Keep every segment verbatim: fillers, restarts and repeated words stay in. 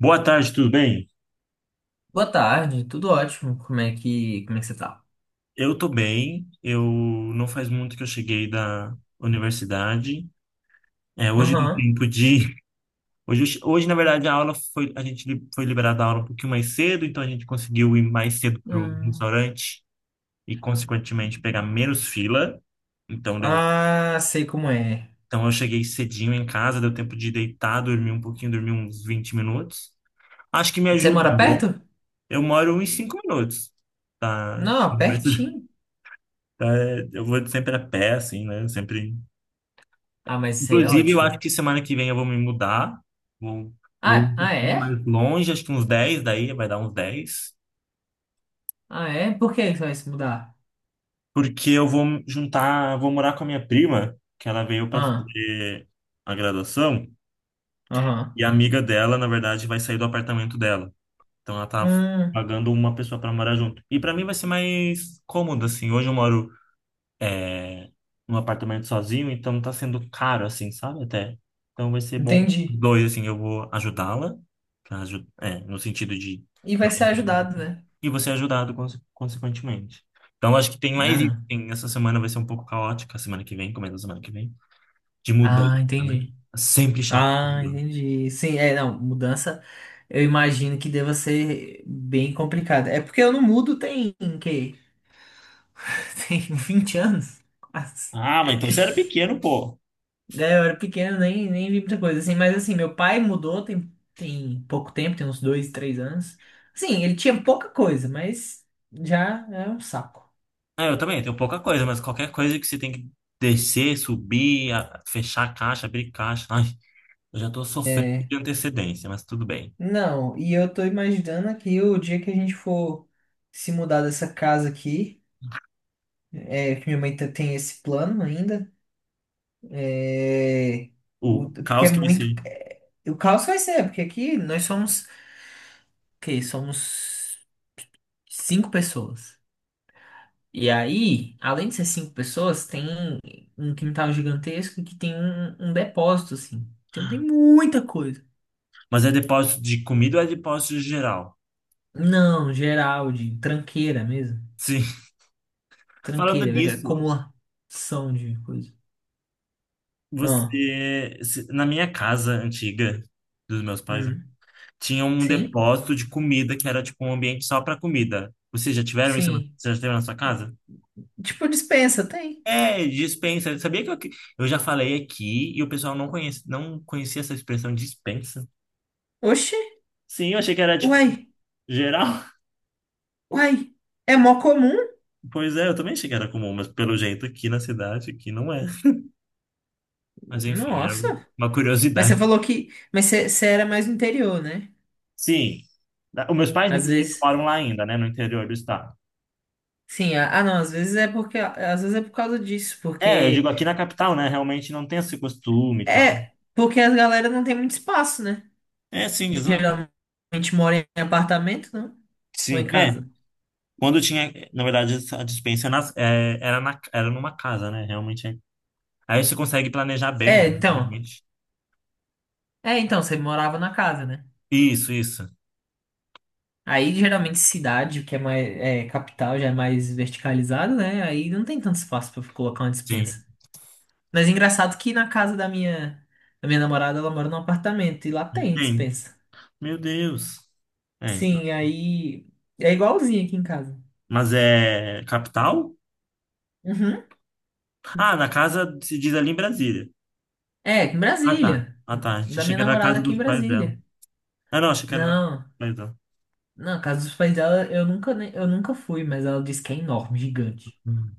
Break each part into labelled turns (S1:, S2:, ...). S1: Boa tarde, tudo bem?
S2: Boa tarde, tudo ótimo. Como é que, como é que você tá?
S1: Eu tô bem. Eu não faz muito que eu cheguei da universidade. É, hoje deu
S2: Aham.
S1: tempo de hoje, eu che- hoje na verdade a aula foi a gente li- foi liberada a aula um pouquinho mais cedo, então a gente conseguiu ir mais cedo pro
S2: Ah,
S1: restaurante e consequentemente pegar menos fila. Então deu,
S2: ah, sei como é.
S1: então eu cheguei cedinho em casa, deu tempo de deitar, dormir um pouquinho, dormir uns vinte minutos. Acho que me
S2: Você mora
S1: ajudou.
S2: perto?
S1: Eu moro uns cinco minutos da
S2: Não,
S1: universidade.
S2: pertinho.
S1: É, eu vou sempre a pé, assim, né? Sempre.
S2: Ah, mas isso aí é
S1: Inclusive, eu acho
S2: ótimo.
S1: que semana que vem eu vou me mudar. Vou, vou
S2: Ah,
S1: um
S2: ah
S1: pouquinho
S2: é?
S1: mais longe, acho que uns dez daí vai dar uns dez.
S2: Ah, é? Por que você vai se mudar?
S1: Porque eu vou juntar, vou morar com a minha prima, que ela veio para
S2: Ah,
S1: fazer a graduação,
S2: aham.
S1: e a amiga dela, na verdade, vai sair do apartamento dela. Então ela tá
S2: Hum,
S1: pagando uma pessoa para morar junto. E para mim vai ser mais cômodo, assim. Hoje eu moro num apartamento sozinho, então tá sendo caro, assim, sabe? Até. Então vai ser bom.
S2: entendi.
S1: Dois, assim, eu vou ajudá-la, pra aju- é, no sentido de.
S2: E vai ser ajudado, né?
S1: E você é ajudado, conse- consequentemente. Então acho que tem mais
S2: Ah,
S1: isso.
S2: não.
S1: Tem, essa semana vai ser um pouco caótica, a semana que vem, começo da semana que vem, de mudança,
S2: Ah,
S1: né?
S2: entendi.
S1: É sempre chato.
S2: Ah, entendi. Sim, é, não, mudança eu imagino que deva ser bem complicada. É porque eu não mudo tem, que, tem vinte anos, quase.
S1: Ah, mas então você era pequeno, pô.
S2: Daí eu era pequeno, nem, nem vi muita coisa, assim. Mas, assim, meu pai mudou tem, tem pouco tempo, tem uns dois, três anos. Sim, ele tinha pouca coisa, mas já é um saco.
S1: É, eu também tenho pouca coisa, mas qualquer coisa que você tem que descer, subir, a- fechar a caixa, abrir caixa. Ai, eu já tô sofrendo
S2: É.
S1: de antecedência, mas tudo bem.
S2: Não, e eu tô imaginando aqui o dia que a gente for se mudar dessa casa aqui, é, que minha mãe tá- tem esse plano ainda, é, o-
S1: O
S2: porque é
S1: caos que vai
S2: muito...
S1: ser.
S2: é, o caos vai ser, porque aqui nós somos, o quê? Somos cinco pessoas. E aí, além de ser cinco pessoas, tem um quintal gigantesco que tem um, um depósito, assim. Então tem muita coisa.
S1: Mas é depósito de comida ou é depósito geral?
S2: Não, geral, de tranqueira mesmo.
S1: Sim. Falando
S2: Tranqueira, é
S1: nisso,
S2: acumulação de coisa. Ah,
S1: você. Se- na minha casa antiga, dos meus pais, né,
S2: hum.
S1: tinha um
S2: Sim,
S1: depósito de comida que era tipo um ambiente só para comida. Vocês já tiveram isso?
S2: sim.
S1: Você já teve na sua casa?
S2: Tipo, dispensa, tem.
S1: É, dispensa. Sabia que eu, que- eu já falei aqui e o pessoal não conhece, não conhecia essa expressão dispensa?
S2: Oxi,
S1: Sim, eu achei que era tipo
S2: uai,
S1: geral.
S2: uai. É mó comum.
S1: Pois é, eu também achei que era comum, mas pelo jeito aqui na cidade, aqui não é. Mas enfim, era
S2: Nossa.
S1: uma
S2: Mas você
S1: curiosidade.
S2: falou que. Mas você você era mais no interior, né?
S1: Sim. Da- Os meus pais,
S2: Às
S1: inclusive,
S2: vezes.
S1: moram lá ainda, né? No interior do estado.
S2: Sim, ah, ah, não, às vezes é porque. Às vezes é por causa disso,
S1: É, eu
S2: porque.
S1: digo aqui na capital, né? Realmente não tem esse costume e tal.
S2: É, porque as galera não tem muito espaço, né?
S1: É, sim, exato.
S2: Geralmente mora em apartamento, não? Ou em
S1: Sim, é.
S2: casa?
S1: Quando tinha, na verdade, a dispensa nas- é, era, na, era numa casa, né? Realmente. É. Aí você consegue planejar bem,
S2: É,
S1: né?
S2: então.
S1: Realmente.
S2: É, então, você morava na casa, né?
S1: Isso, isso.
S2: Aí, geralmente, cidade, que é mais, é, capital, já é mais verticalizado, né? Aí não tem tanto espaço pra colocar uma
S1: Sim.
S2: despensa. Mas engraçado que na casa da minha, da minha namorada, ela mora num apartamento e lá tem
S1: Tem.
S2: despensa.
S1: Meu Deus. É.
S2: Sim, aí é igualzinho aqui em casa.
S1: Mas é capital?
S2: Uhum.
S1: Ah, na casa se diz ali em Brasília.
S2: É, em
S1: Ah, tá.
S2: Brasília.
S1: Ah, tá.
S2: Da
S1: Achei
S2: minha
S1: que era na
S2: namorada
S1: casa
S2: aqui em
S1: dos pais dela.
S2: Brasília.
S1: Ah, não, achei que era na casa
S2: Não.
S1: dos pais dela.
S2: Não, a casa dos pais dela, eu nunca, nem- eu nunca fui, mas ela disse que é enorme, gigante.
S1: Hum.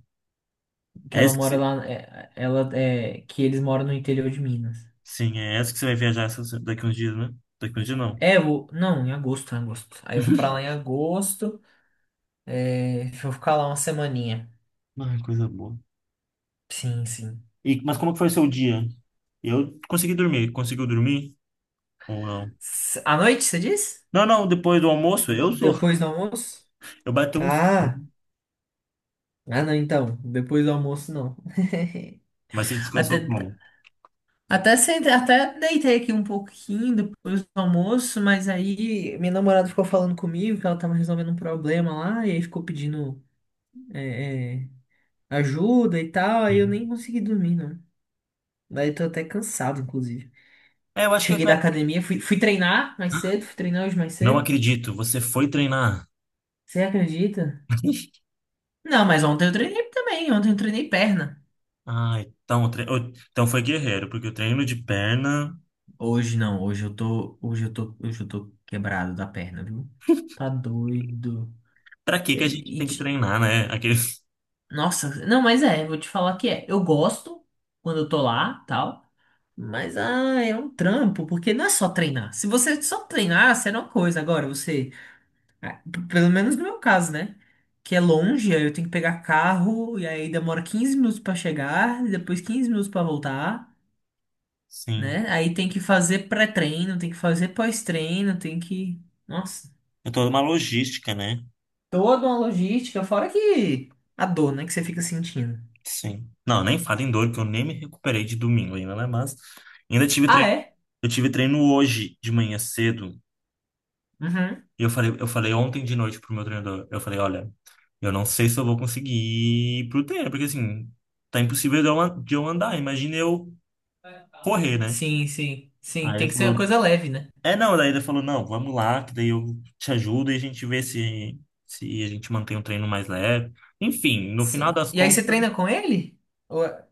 S2: Que
S1: É
S2: ela
S1: essa que
S2: mora
S1: você...
S2: lá, é, ela é, que eles moram no interior de Minas.
S1: Sim, é essa que você vai viajar essa- daqui uns dias, né? Daqui uns dias não.
S2: É, eu, não, em agosto, em agosto. Aí eu vou pra lá em agosto, é, vou ficar lá uma semaninha.
S1: Ah, coisa boa.
S2: Sim, sim.
S1: E, mas como que foi o seu dia? Eu consegui dormir. Conseguiu dormir ou não?
S2: S- À noite, você diz?
S1: Não, não, depois do almoço eu sou.
S2: Depois do almoço?
S1: Eu bati um sono.
S2: Ah, ah não, então, depois do almoço não.
S1: Mas você descansou
S2: até
S1: como?
S2: Até, sentei, até deitei aqui um pouquinho depois do almoço, mas aí minha namorada ficou falando comigo que ela tava resolvendo um problema lá, e aí ficou pedindo é, é, ajuda e tal, aí eu
S1: Sim.
S2: nem consegui dormir, não. Daí tô até cansado, inclusive.
S1: É, eu acho que eu
S2: Cheguei da
S1: até...
S2: academia, fui, fui treinar mais cedo, fui treinar hoje mais
S1: Não
S2: cedo.
S1: acredito, você foi treinar.
S2: Você acredita? Não, mas ontem eu treinei também, ontem eu treinei perna.
S1: Ah, então, tre... eu- então foi guerreiro, porque o treino de perna.
S2: Hoje não, hoje eu tô, hoje eu tô, hoje eu tô quebrado da perna, viu? Tá doido.
S1: Pra que que a gente
S2: E, e,
S1: tem que
S2: te-
S1: treinar, né? Aqueles...
S2: Nossa, não, mas é, vou te falar que é. Eu gosto quando eu tô lá, tal, mas ah, é um trampo, porque não é só treinar. Se você só treinar, será uma coisa. Agora, você, ah, p- pelo menos no meu caso, né? Que é longe, aí eu tenho que pegar carro, e aí demora quinze minutos pra chegar, e depois quinze minutos pra voltar,
S1: Sim.
S2: né? Aí tem que fazer pré-treino, tem que fazer pós-treino, tem que. Nossa,
S1: É toda uma logística, né?
S2: toda uma logística, fora que a dor, né, que você fica sentindo.
S1: Sim. Não, nem falo em dor, que eu nem me recuperei de domingo ainda, né? Mas ainda tive
S2: Ah,
S1: treino.
S2: é?
S1: Eu tive treino hoje de manhã cedo.
S2: Uhum.
S1: E eu falei, eu falei ontem de noite pro meu treinador. Eu falei, olha, eu não sei se eu vou conseguir ir pro treino, porque assim, tá impossível de eu an- de eu andar. Imagina eu correr, né?
S2: Sim, sim. Sim,
S1: Aí
S2: tem
S1: ele
S2: que ser uma
S1: falou,
S2: coisa leve, né?
S1: é não, daí ele falou, não, vamos lá, que daí eu te ajudo e a gente vê se, se a gente mantém o treino mais leve. Enfim, no final
S2: Sim.
S1: das
S2: E aí você
S1: contas.
S2: treina com ele? Ou-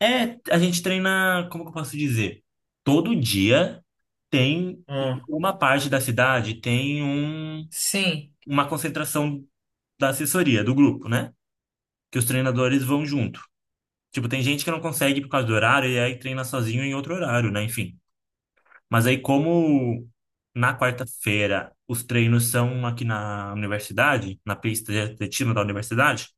S1: É, a gente treina, como que eu posso dizer? Todo dia tem em
S2: Hum.
S1: uma parte da cidade tem um,
S2: Sim.
S1: uma concentração da assessoria, do grupo, né? Que os treinadores vão junto. Tipo, tem gente que não consegue por causa do horário e aí treina sozinho em outro horário, né? Enfim. Mas aí, como na quarta-feira os treinos são aqui na universidade, na pista de atletismo da universidade,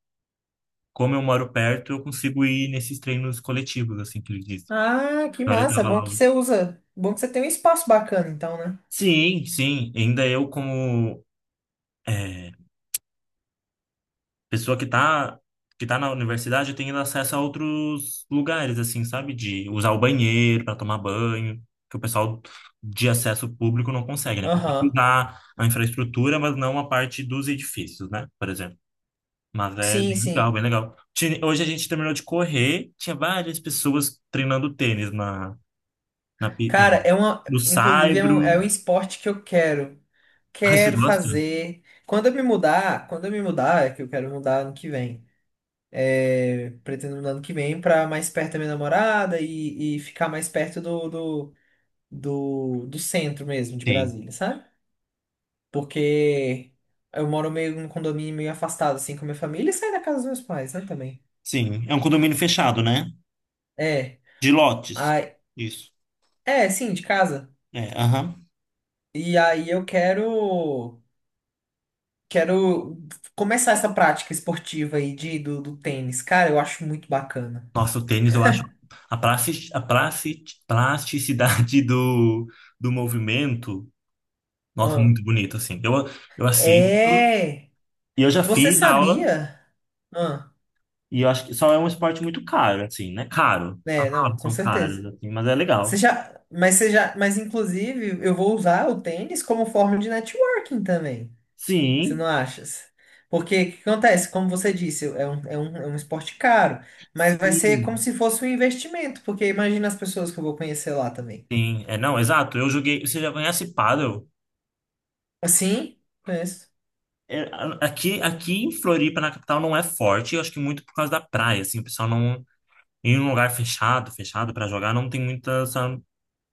S1: como eu moro perto, eu consigo ir nesses treinos coletivos, assim que eles dizem.
S2: Ah, que
S1: Então, ele
S2: massa.
S1: tava lá.
S2: Bom que você usa. Bom que você tem um espaço bacana, então, né?
S1: Sim, sim. Ainda eu, como é, pessoa que tá, que tá, na universidade, eu tenho acesso a outros lugares, assim, sabe? De usar o banheiro para tomar banho, que o pessoal de acesso público não consegue, né? Para
S2: Aham.
S1: usar a infraestrutura, mas não a parte dos edifícios, né? Por exemplo. Mas é
S2: Sim,
S1: bem legal,
S2: sim.
S1: bem legal. Ti- Hoje a gente terminou de correr, tinha várias pessoas treinando tênis na, na, pi- na-
S2: Cara, é uma.
S1: no
S2: Inclusive, é
S1: Saibro.
S2: um, é um esporte que eu quero.
S1: Ai, você
S2: Quero
S1: gosta?
S2: fazer. Quando eu me mudar, quando eu me mudar, é que eu quero mudar ano que vem. É, pretendo mudar ano que vem pra mais perto da minha namorada e, e ficar mais perto do, do, do, do centro mesmo de
S1: Sim.
S2: Brasília, sabe? Porque eu moro meio num condomínio meio afastado, assim, com a minha família e saio da casa dos meus pais, né, também.
S1: Sim, é um condomínio fechado, né?
S2: É.
S1: De lotes.
S2: Ai,
S1: Isso.
S2: é, sim, de casa.
S1: É, aham.
S2: E aí eu quero. Quero começar essa prática esportiva aí de, do, do tênis. Cara, eu acho muito bacana.
S1: Nossa, o tênis, eu acho a plastic, a plastic, plasticidade do, do movimento, nossa,
S2: Ah.
S1: muito bonito, assim. Eu, eu assisto
S2: É!
S1: e eu já
S2: Você
S1: fiz aula
S2: sabia? Ah,
S1: e eu acho que só é um esporte muito caro, assim, né? Caro. As
S2: é, não,
S1: aulas
S2: com
S1: são caras,
S2: certeza.
S1: assim, mas é
S2: Você
S1: legal.
S2: já, mas você já, mas inclusive eu vou usar o tênis como forma de networking também. Você não
S1: Sim,
S2: acha? Porque o que acontece? Como você disse, é um, é um, é um esporte caro, mas vai ser
S1: sim,
S2: como se fosse um investimento, porque imagina as pessoas que eu vou conhecer lá também.
S1: sim. É, não, exato. Eu joguei. Você já conhece pádel?
S2: Assim? Conheço.
S1: É, a- aqui, aqui em Floripa, na capital, não é forte. Eu acho que muito por causa da praia, assim, o pessoal não. Em um lugar fechado, fechado para jogar, não tem muito essa,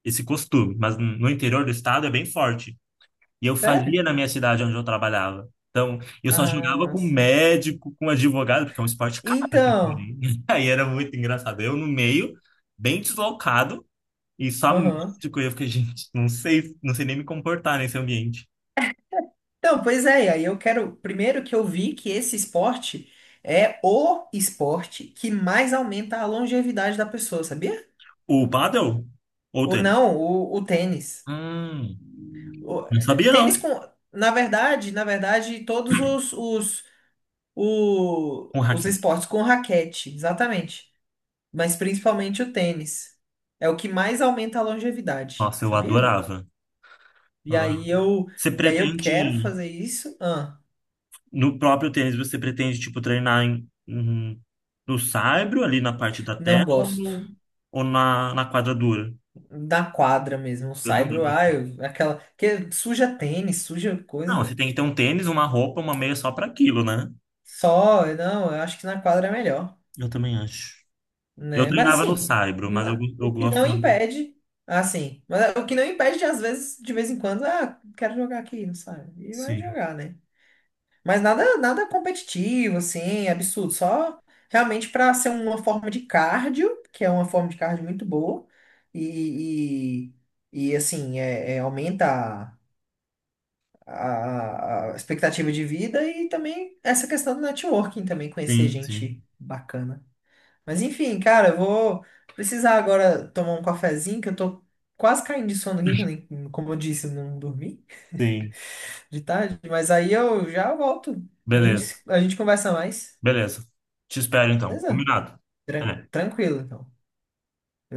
S1: esse costume. Mas no interior do estado é bem forte. E eu
S2: Sério?
S1: fazia na minha cidade onde eu trabalhava. Então, eu só
S2: Ah,
S1: jogava com
S2: massa.
S1: médico, com advogado, porque é um esporte caro, assim,
S2: Então,
S1: também. Aí era muito engraçado. Eu no meio, bem deslocado, e só
S2: aham.
S1: médico. E eu fiquei, gente, não sei, não sei nem me comportar nesse ambiente.
S2: Então, pois é, e aí eu quero. Primeiro que eu vi que esse esporte é o esporte que mais aumenta a longevidade da pessoa, sabia?
S1: O pádel ou o
S2: Ou
S1: tênis?
S2: não, o, o tênis.
S1: Hum,
S2: O-
S1: não sabia,
S2: tênis
S1: não.
S2: com. Na verdade, na verdade, todos os, os o-
S1: Com
S2: os
S1: raquete.
S2: esportes com raquete, exatamente. Mas principalmente o tênis. É o que mais aumenta a longevidade,
S1: Nossa, eu
S2: sabia?
S1: adorava.
S2: E
S1: Adorava.
S2: aí eu,
S1: Você
S2: e aí eu quero
S1: pretende.
S2: fazer isso. Ah,
S1: No próprio tênis, você pretende, tipo, treinar em, em- no saibro, ali na parte da terra,
S2: não
S1: ou,
S2: gosto.
S1: no, ou na, na quadra dura?
S2: Da quadra mesmo, o
S1: Eu também.
S2: saibro, ah, eu- aquela que suja tênis, suja
S1: Não, você
S2: coisa.
S1: tem que ter um tênis, uma roupa, uma meia só para aquilo, né?
S2: Só, não, eu acho que na quadra é melhor,
S1: Eu também acho. Eu
S2: né? Mas
S1: treinava no
S2: assim,
S1: saibro, mas eu,
S2: na-
S1: eu
S2: o que
S1: gosto.
S2: não impede, assim, mas o que não impede de às vezes, de vez em quando, ah, quero jogar aqui, não sabe? E vai
S1: Sim,
S2: jogar, né? Mas nada, nada competitivo, assim, absurdo. Só realmente para ser uma forma de cardio, que é uma forma de cardio muito boa. E, e, e, assim, é, é, aumenta a, a- a expectativa de vida e também essa questão do networking também, conhecer
S1: sim, sim.
S2: gente bacana. Mas enfim, cara, eu vou precisar agora tomar um cafezinho, que eu tô quase caindo de sono aqui, que eu nem, como eu disse, eu não dormi
S1: Sim.
S2: de tarde. Mas aí eu já volto. A gente,
S1: Beleza,
S2: a gente conversa mais.
S1: beleza. Te espero então.
S2: Beleza?
S1: Combinado.
S2: Tran-
S1: Até.
S2: tranquilo, então.